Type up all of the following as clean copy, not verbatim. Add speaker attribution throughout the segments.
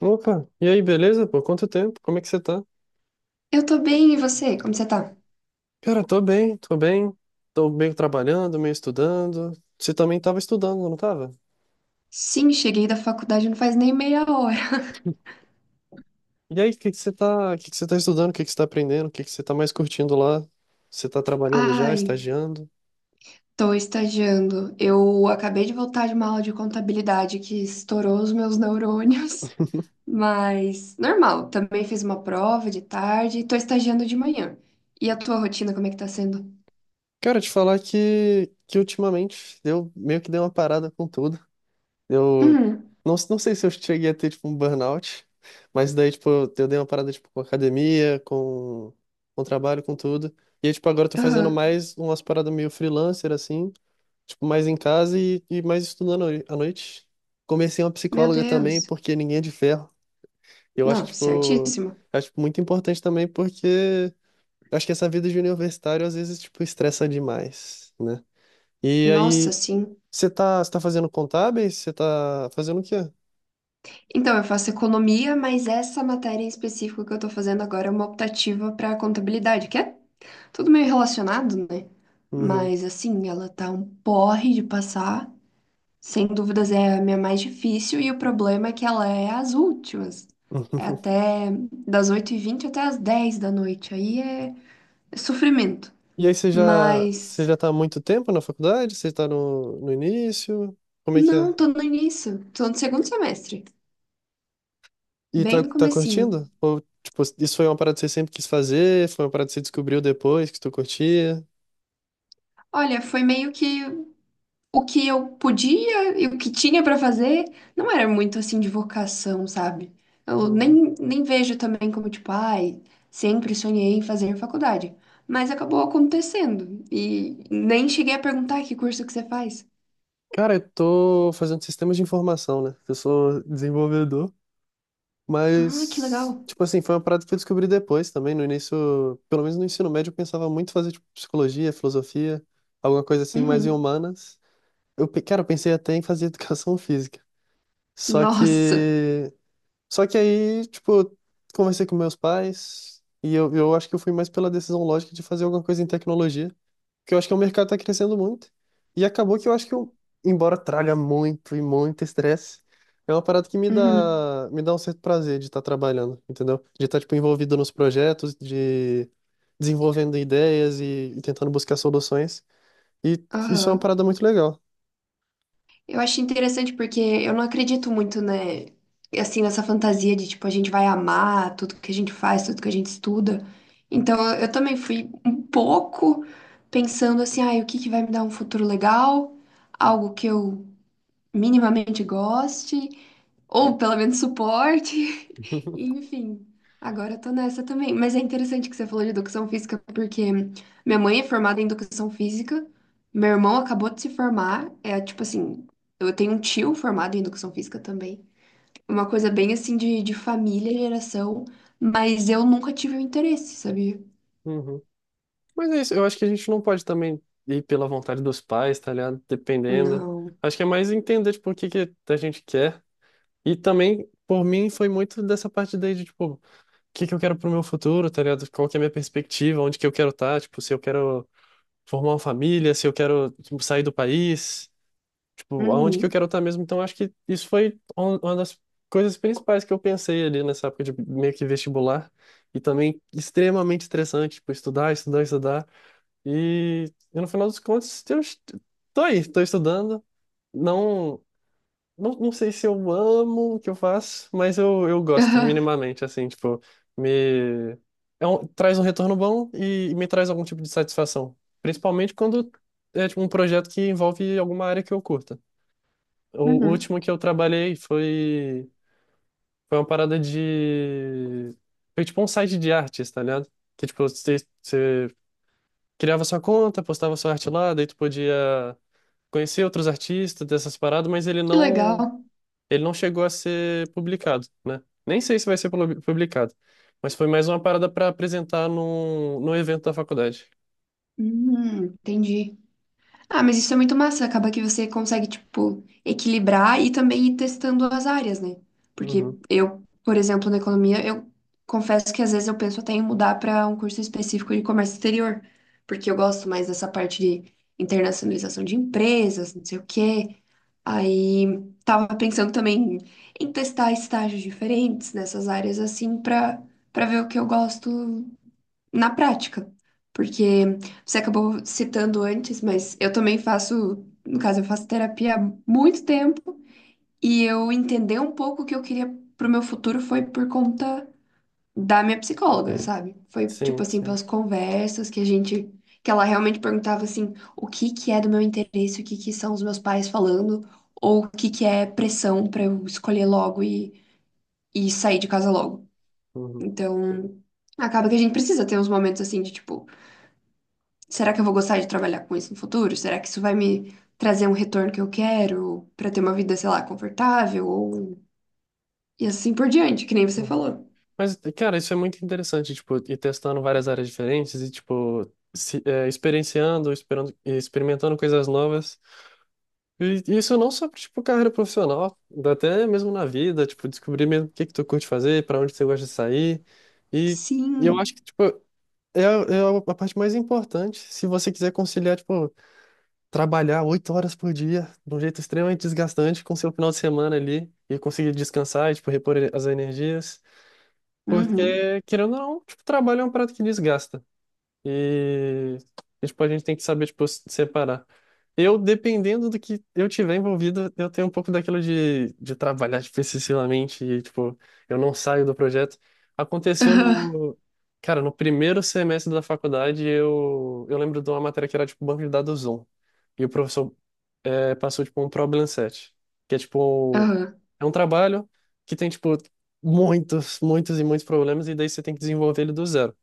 Speaker 1: Opa, e aí, beleza? Por quanto tempo? Como é que você tá?
Speaker 2: Eu tô bem, e você? Como você tá?
Speaker 1: Cara, tô bem, tô bem. Tô meio trabalhando, meio estudando. Você também tava estudando, não tava?
Speaker 2: Sim, cheguei da faculdade não faz nem meia hora.
Speaker 1: E aí, o que que você tá estudando? O que que você tá aprendendo? O que que você tá mais curtindo lá? Você tá trabalhando já,
Speaker 2: Ai,
Speaker 1: estagiando?
Speaker 2: tô estagiando. Eu acabei de voltar de uma aula de contabilidade que estourou os meus neurônios. Mas normal, também fiz uma prova de tarde e tô estagiando de manhã. E a tua rotina, como é que tá sendo?
Speaker 1: Cara, te falar que ultimamente eu meio que dei uma parada com tudo. Eu
Speaker 2: Hum,
Speaker 1: não sei se eu cheguei a ter, tipo, um burnout, mas daí, tipo, eu dei uma parada, tipo, com academia, com trabalho, com tudo. E aí, tipo, agora eu tô fazendo
Speaker 2: aham.
Speaker 1: mais umas paradas meio freelancer, assim, tipo, mais em casa e mais estudando à noite. Comecei uma
Speaker 2: Meu
Speaker 1: psicóloga também,
Speaker 2: Deus.
Speaker 1: porque ninguém é de ferro. Eu acho que,
Speaker 2: Não,
Speaker 1: tipo,
Speaker 2: certíssimo.
Speaker 1: acho tipo, muito importante também, porque eu acho que essa vida de universitário, às vezes, tipo, estressa demais, né? E
Speaker 2: Nossa,
Speaker 1: aí,
Speaker 2: sim.
Speaker 1: você tá fazendo contábeis? Você tá fazendo o quê?
Speaker 2: Então, eu faço economia, mas essa matéria em específico que eu tô fazendo agora é uma optativa pra contabilidade, que é tudo meio relacionado, né?
Speaker 1: Uhum.
Speaker 2: Mas assim, ela tá um porre de passar. Sem dúvidas é a minha mais difícil e o problema é que ela é as últimas. É
Speaker 1: Uhum.
Speaker 2: até das 8h20 até as 10h da noite. Aí é sofrimento.
Speaker 1: E aí você já, você
Speaker 2: Mas
Speaker 1: já tá há muito tempo na faculdade? Você tá no início? Como é que é?
Speaker 2: não, tô no início. Tô no segundo semestre,
Speaker 1: E
Speaker 2: bem
Speaker 1: tá,
Speaker 2: no
Speaker 1: tá
Speaker 2: comecinho.
Speaker 1: curtindo? Ou, tipo, isso foi uma parada que você sempre quis fazer? Foi uma parada que você descobriu depois que tu curtia?
Speaker 2: Olha, foi meio que o que eu podia e o que tinha pra fazer não era muito assim de vocação, sabe? Eu
Speaker 1: Uhum.
Speaker 2: nem, nem vejo também como tipo, ai, sempre sonhei em fazer faculdade, mas acabou acontecendo e nem cheguei a perguntar que curso que você faz.
Speaker 1: Cara, eu tô fazendo sistemas de informação, né? Eu sou desenvolvedor,
Speaker 2: Ah, que
Speaker 1: mas,
Speaker 2: legal.
Speaker 1: tipo assim, foi uma parada que eu descobri depois também. No início, pelo menos no ensino médio, eu pensava muito em fazer, tipo, psicologia, filosofia, alguma coisa assim mais em
Speaker 2: Uhum.
Speaker 1: humanas. Cara, eu pensei até em fazer educação física. Só
Speaker 2: Nossa.
Speaker 1: que. Só que aí, tipo, conversei com meus pais e eu, acho que eu fui mais pela decisão lógica de fazer alguma coisa em tecnologia, porque eu acho que o mercado está crescendo muito. E acabou que eu acho que eu, embora traga muito e muito estresse, é uma parada que me
Speaker 2: Uhum.
Speaker 1: dá, me dá um certo prazer de estar trabalhando, entendeu? De estar, tipo, envolvido nos projetos, de desenvolvendo ideias e tentando buscar soluções. E isso é uma
Speaker 2: Aham.
Speaker 1: parada muito legal.
Speaker 2: Eu acho interessante porque eu não acredito muito, né, assim, nessa fantasia de, tipo, a gente vai amar tudo que a gente faz, tudo que a gente estuda. Então, eu também fui um pouco pensando assim, ai, o que que vai me dar um futuro legal? Algo que eu minimamente goste, ou pelo menos suporte. Enfim, agora eu tô nessa também. Mas é interessante que você falou de educação física, porque minha mãe é formada em educação física, meu irmão acabou de se formar, é tipo assim, eu tenho um tio formado em educação física também. Uma coisa bem assim de família, geração, mas eu nunca tive o interesse, sabia?
Speaker 1: Mas é isso, eu acho que a gente não pode também ir pela vontade dos pais, tá ligado? Dependendo.
Speaker 2: Não.
Speaker 1: Acho que é mais entender, tipo, o que que a gente quer. E também, por mim, foi muito dessa parte daí de, tipo, o que que eu quero pro meu futuro, tá ligado? Qual que é a minha perspectiva, onde que eu quero estar, tipo, se eu quero formar uma família, se eu quero, tipo, sair do país, tipo, aonde que eu
Speaker 2: Uhum.
Speaker 1: quero estar mesmo. Então, acho que isso foi uma das coisas principais que eu pensei ali nessa época de meio que vestibular. E também extremamente estressante, tipo, estudar, estudar, estudar. E no final dos contos, eu tô aí, tô estudando. Não, não, não sei se eu amo o que eu faço, mas eu gosto minimamente, assim, tipo, me traz um retorno bom e me traz algum tipo de satisfação. Principalmente quando é tipo, um projeto que envolve alguma área que eu curta. O
Speaker 2: Uhum.
Speaker 1: último que eu trabalhei foi, foi uma parada de. Foi tipo um site de artes, tá ligado? Que tipo, você criava sua conta, postava sua arte lá, daí tu podia conhecer outros artistas dessas paradas, mas ele
Speaker 2: Que
Speaker 1: não,
Speaker 2: legal.
Speaker 1: ele não chegou a ser publicado, né? Nem sei se vai ser publicado, mas foi mais uma parada para apresentar num evento da faculdade.
Speaker 2: Entendi. Ah, mas isso é muito massa. Acaba que você consegue, tipo, equilibrar e também ir testando as áreas, né? Porque
Speaker 1: Uhum.
Speaker 2: eu, por exemplo, na economia, eu confesso que às vezes eu penso até em mudar para um curso específico de comércio exterior, porque eu gosto mais dessa parte de internacionalização de empresas, não sei o quê. Aí tava pensando também em testar estágios diferentes nessas áreas assim para ver o que eu gosto na prática. Porque você acabou citando antes, mas eu também faço, no caso, eu faço terapia há muito tempo e eu entender um pouco o que eu queria pro meu futuro foi por conta da minha psicóloga, sabe? Foi tipo
Speaker 1: Sim,
Speaker 2: assim,
Speaker 1: sim.
Speaker 2: pelas conversas que a gente que ela realmente perguntava assim, o que que é do meu interesse, o que que são os meus pais falando, ou o que que é pressão pra eu escolher logo e sair de casa logo.
Speaker 1: Uhum.
Speaker 2: Então, acaba que a gente precisa ter uns momentos assim de tipo, será que eu vou gostar de trabalhar com isso no futuro? Será que isso vai me trazer um retorno que eu quero para ter uma vida, sei lá, confortável ou e assim por diante, que nem você
Speaker 1: Uhum.
Speaker 2: falou.
Speaker 1: Mas, cara, isso é muito interessante, tipo, ir testando várias áreas diferentes e, tipo, se, é, experienciando, esperando, experimentando coisas novas. E isso não só pra, tipo, carreira profissional, dá até mesmo na vida, tipo, descobrir mesmo o que que tu curte fazer, pra onde você gosta de sair. E, e eu acho
Speaker 2: Sim.
Speaker 1: que, tipo, é a parte mais importante se você quiser conciliar, tipo, trabalhar 8 horas por dia, de um jeito extremamente desgastante, com seu final de semana ali, e conseguir descansar e, tipo, repor as energias.
Speaker 2: Uhum.
Speaker 1: Porque, querendo ou não, tipo, trabalho é um prato que desgasta. E, e, tipo, a gente tem que saber, tipo, separar. Eu, dependendo do que eu tiver envolvido, eu tenho um pouco daquilo de, trabalhar especificamente e, tipo, eu não saio do projeto. Aconteceu cara, no primeiro semestre da faculdade, eu lembro de uma matéria que era, tipo, banco de dados 1. E o professor passou, tipo, um problem set, que é,
Speaker 2: Aham.
Speaker 1: tipo,
Speaker 2: Aham.
Speaker 1: é um trabalho que tem, tipo, muitos, muitos e muitos problemas e daí você tem que desenvolver ele do zero.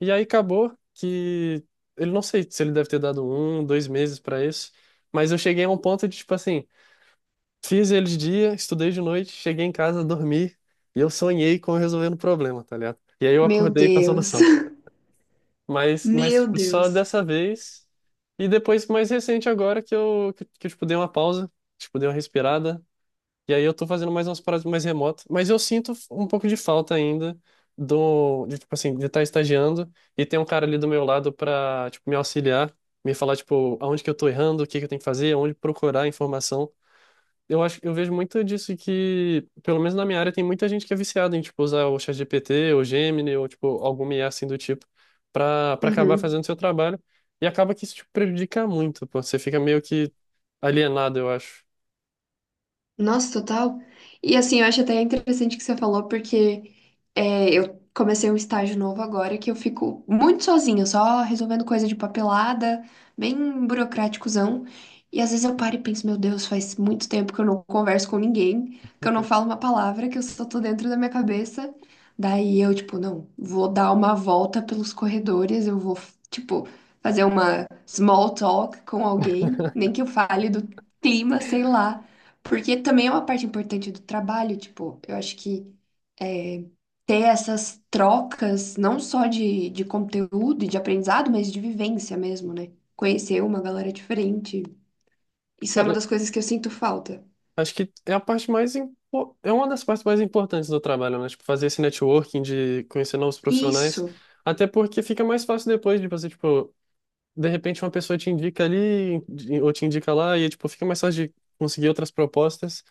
Speaker 1: E aí acabou que ele não sei se ele deve ter dado 1, 2 meses pra isso, mas eu cheguei a um ponto de tipo assim, fiz ele de dia, estudei de noite, cheguei em casa, dormi e eu sonhei com eu resolvendo o problema, tá ligado? E aí eu
Speaker 2: Meu
Speaker 1: acordei com a
Speaker 2: Deus.
Speaker 1: solução. Mas
Speaker 2: Meu
Speaker 1: tipo, só
Speaker 2: Deus.
Speaker 1: dessa vez e depois mais recente agora que eu, tipo dei uma pausa, tipo dei uma respirada, e aí eu tô fazendo mais umas paradas mais remotas, mas eu sinto um pouco de falta ainda do, de, tipo assim, de estar estagiando e ter um cara ali do meu lado pra, tipo, me auxiliar, me falar, tipo, aonde que eu tô errando, o que que eu tenho que fazer, aonde procurar informação. Eu vejo muito disso que, pelo menos na minha área, tem muita gente que é viciada em, tipo, usar o ChatGPT, ou Gemini, ou, tipo, alguma IA assim do tipo, pra acabar
Speaker 2: Uhum.
Speaker 1: fazendo seu trabalho. E acaba que isso, tipo, prejudica muito, pô. Você fica meio que alienado, eu acho.
Speaker 2: Nossa, total. E assim, eu acho até interessante que você falou, porque eu comecei um estágio novo agora que eu fico muito sozinha, só resolvendo coisa de papelada, bem burocráticozão. E às vezes eu paro e penso, meu Deus, faz muito tempo que eu não converso com ninguém, que eu não
Speaker 1: Uhum.
Speaker 2: falo uma palavra, que eu só tô dentro da minha cabeça. Daí eu, tipo, não, vou dar uma volta pelos corredores, eu vou, tipo, fazer uma small talk com alguém, nem que eu fale do clima, sei lá. Porque também é uma parte importante do trabalho, tipo, eu acho que é, ter essas trocas, não só de conteúdo e de aprendizado, mas de vivência mesmo, né? Conhecer uma galera diferente. Isso é uma
Speaker 1: Cara,
Speaker 2: das coisas que eu sinto falta.
Speaker 1: acho que é a parte mais impo- é uma das partes mais importantes do trabalho, né? Tipo, fazer esse networking de conhecer novos profissionais,
Speaker 2: Isso.
Speaker 1: até porque fica mais fácil depois de você, tipo, de repente uma pessoa te indica ali ou te indica lá e tipo, fica mais fácil de conseguir outras propostas.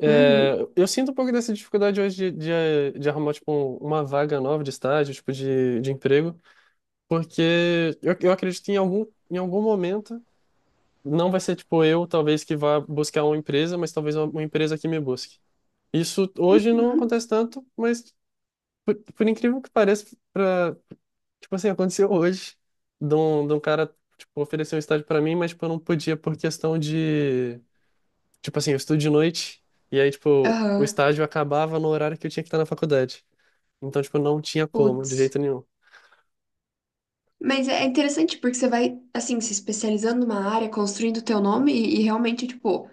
Speaker 1: É,
Speaker 2: Uhum.
Speaker 1: eu sinto um pouco dessa dificuldade hoje de arrumar tipo uma vaga nova de estágio, tipo de emprego, porque eu acredito que em algum momento não vai ser tipo eu, talvez, que vá buscar uma empresa, mas talvez uma empresa que me busque. Isso hoje não
Speaker 2: Uhum.
Speaker 1: acontece tanto, mas por incrível que pareça, pra, tipo assim, aconteceu hoje de um cara, tipo, oferecer um estágio pra mim, mas tipo, eu não podia por questão de, tipo assim, eu estudo de noite e aí, tipo, o
Speaker 2: Aham.
Speaker 1: estágio acabava no horário que eu tinha que estar na faculdade. Então, tipo, não tinha como, de
Speaker 2: Putz.
Speaker 1: jeito nenhum.
Speaker 2: Mas é interessante porque você vai, assim, se especializando numa área, construindo o teu nome e realmente, tipo,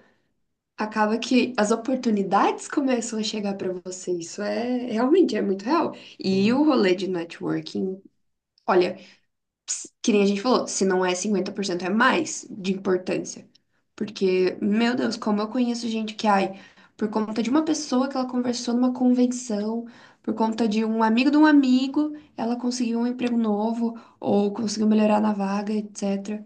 Speaker 2: acaba que as oportunidades começam a chegar para você. Isso é realmente é muito real. E
Speaker 1: Uhum.
Speaker 2: o rolê de networking, olha, que nem a gente falou, se não é 50%, é mais de importância. Porque, meu Deus, como eu conheço gente que, ai, por conta de uma pessoa que ela conversou numa convenção, por conta de um amigo, ela conseguiu um emprego novo ou conseguiu melhorar na vaga, etc.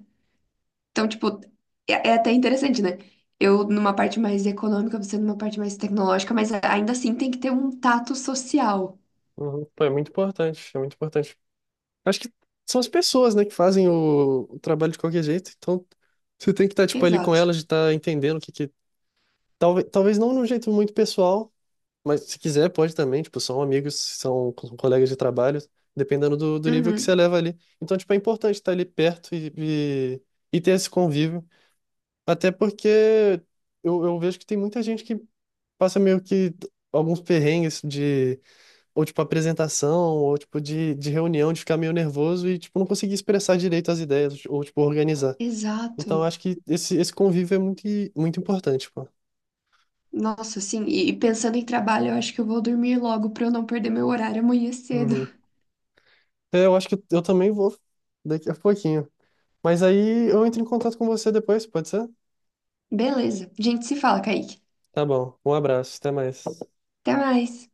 Speaker 2: Então, tipo, é até interessante, né? Eu numa parte mais econômica, você numa parte mais tecnológica, mas ainda assim tem que ter um tato social.
Speaker 1: Uhum. Pô, é muito importante, é muito importante. Acho que são as pessoas, né, que fazem o trabalho de qualquer jeito, então você tem que estar, tipo, ali com
Speaker 2: Exato.
Speaker 1: elas, de estar entendendo o que que... Talvez não de um jeito muito pessoal, mas se quiser, pode também, tipo, são amigos, são colegas de trabalho, dependendo do nível que você
Speaker 2: Uhum.
Speaker 1: leva ali. Então, tipo, é importante estar ali perto e, e ter esse convívio. Até porque eu, vejo que tem muita gente que passa meio que alguns perrengues de, ou tipo, apresentação, ou tipo, de reunião, de ficar meio nervoso e, tipo, não conseguir expressar direito as ideias, ou, tipo, organizar. Então, eu
Speaker 2: Exato.
Speaker 1: acho que esse convívio é muito, muito importante, pô.
Speaker 2: Nossa, assim, e pensando em trabalho, eu acho que eu vou dormir logo pra eu não perder meu horário amanhã cedo.
Speaker 1: Uhum. É, eu acho que eu também vou daqui a pouquinho. Mas aí eu entro em contato com você depois, pode ser?
Speaker 2: Beleza. A gente se fala, Kaique.
Speaker 1: Tá bom. Um abraço, até mais.
Speaker 2: Até mais.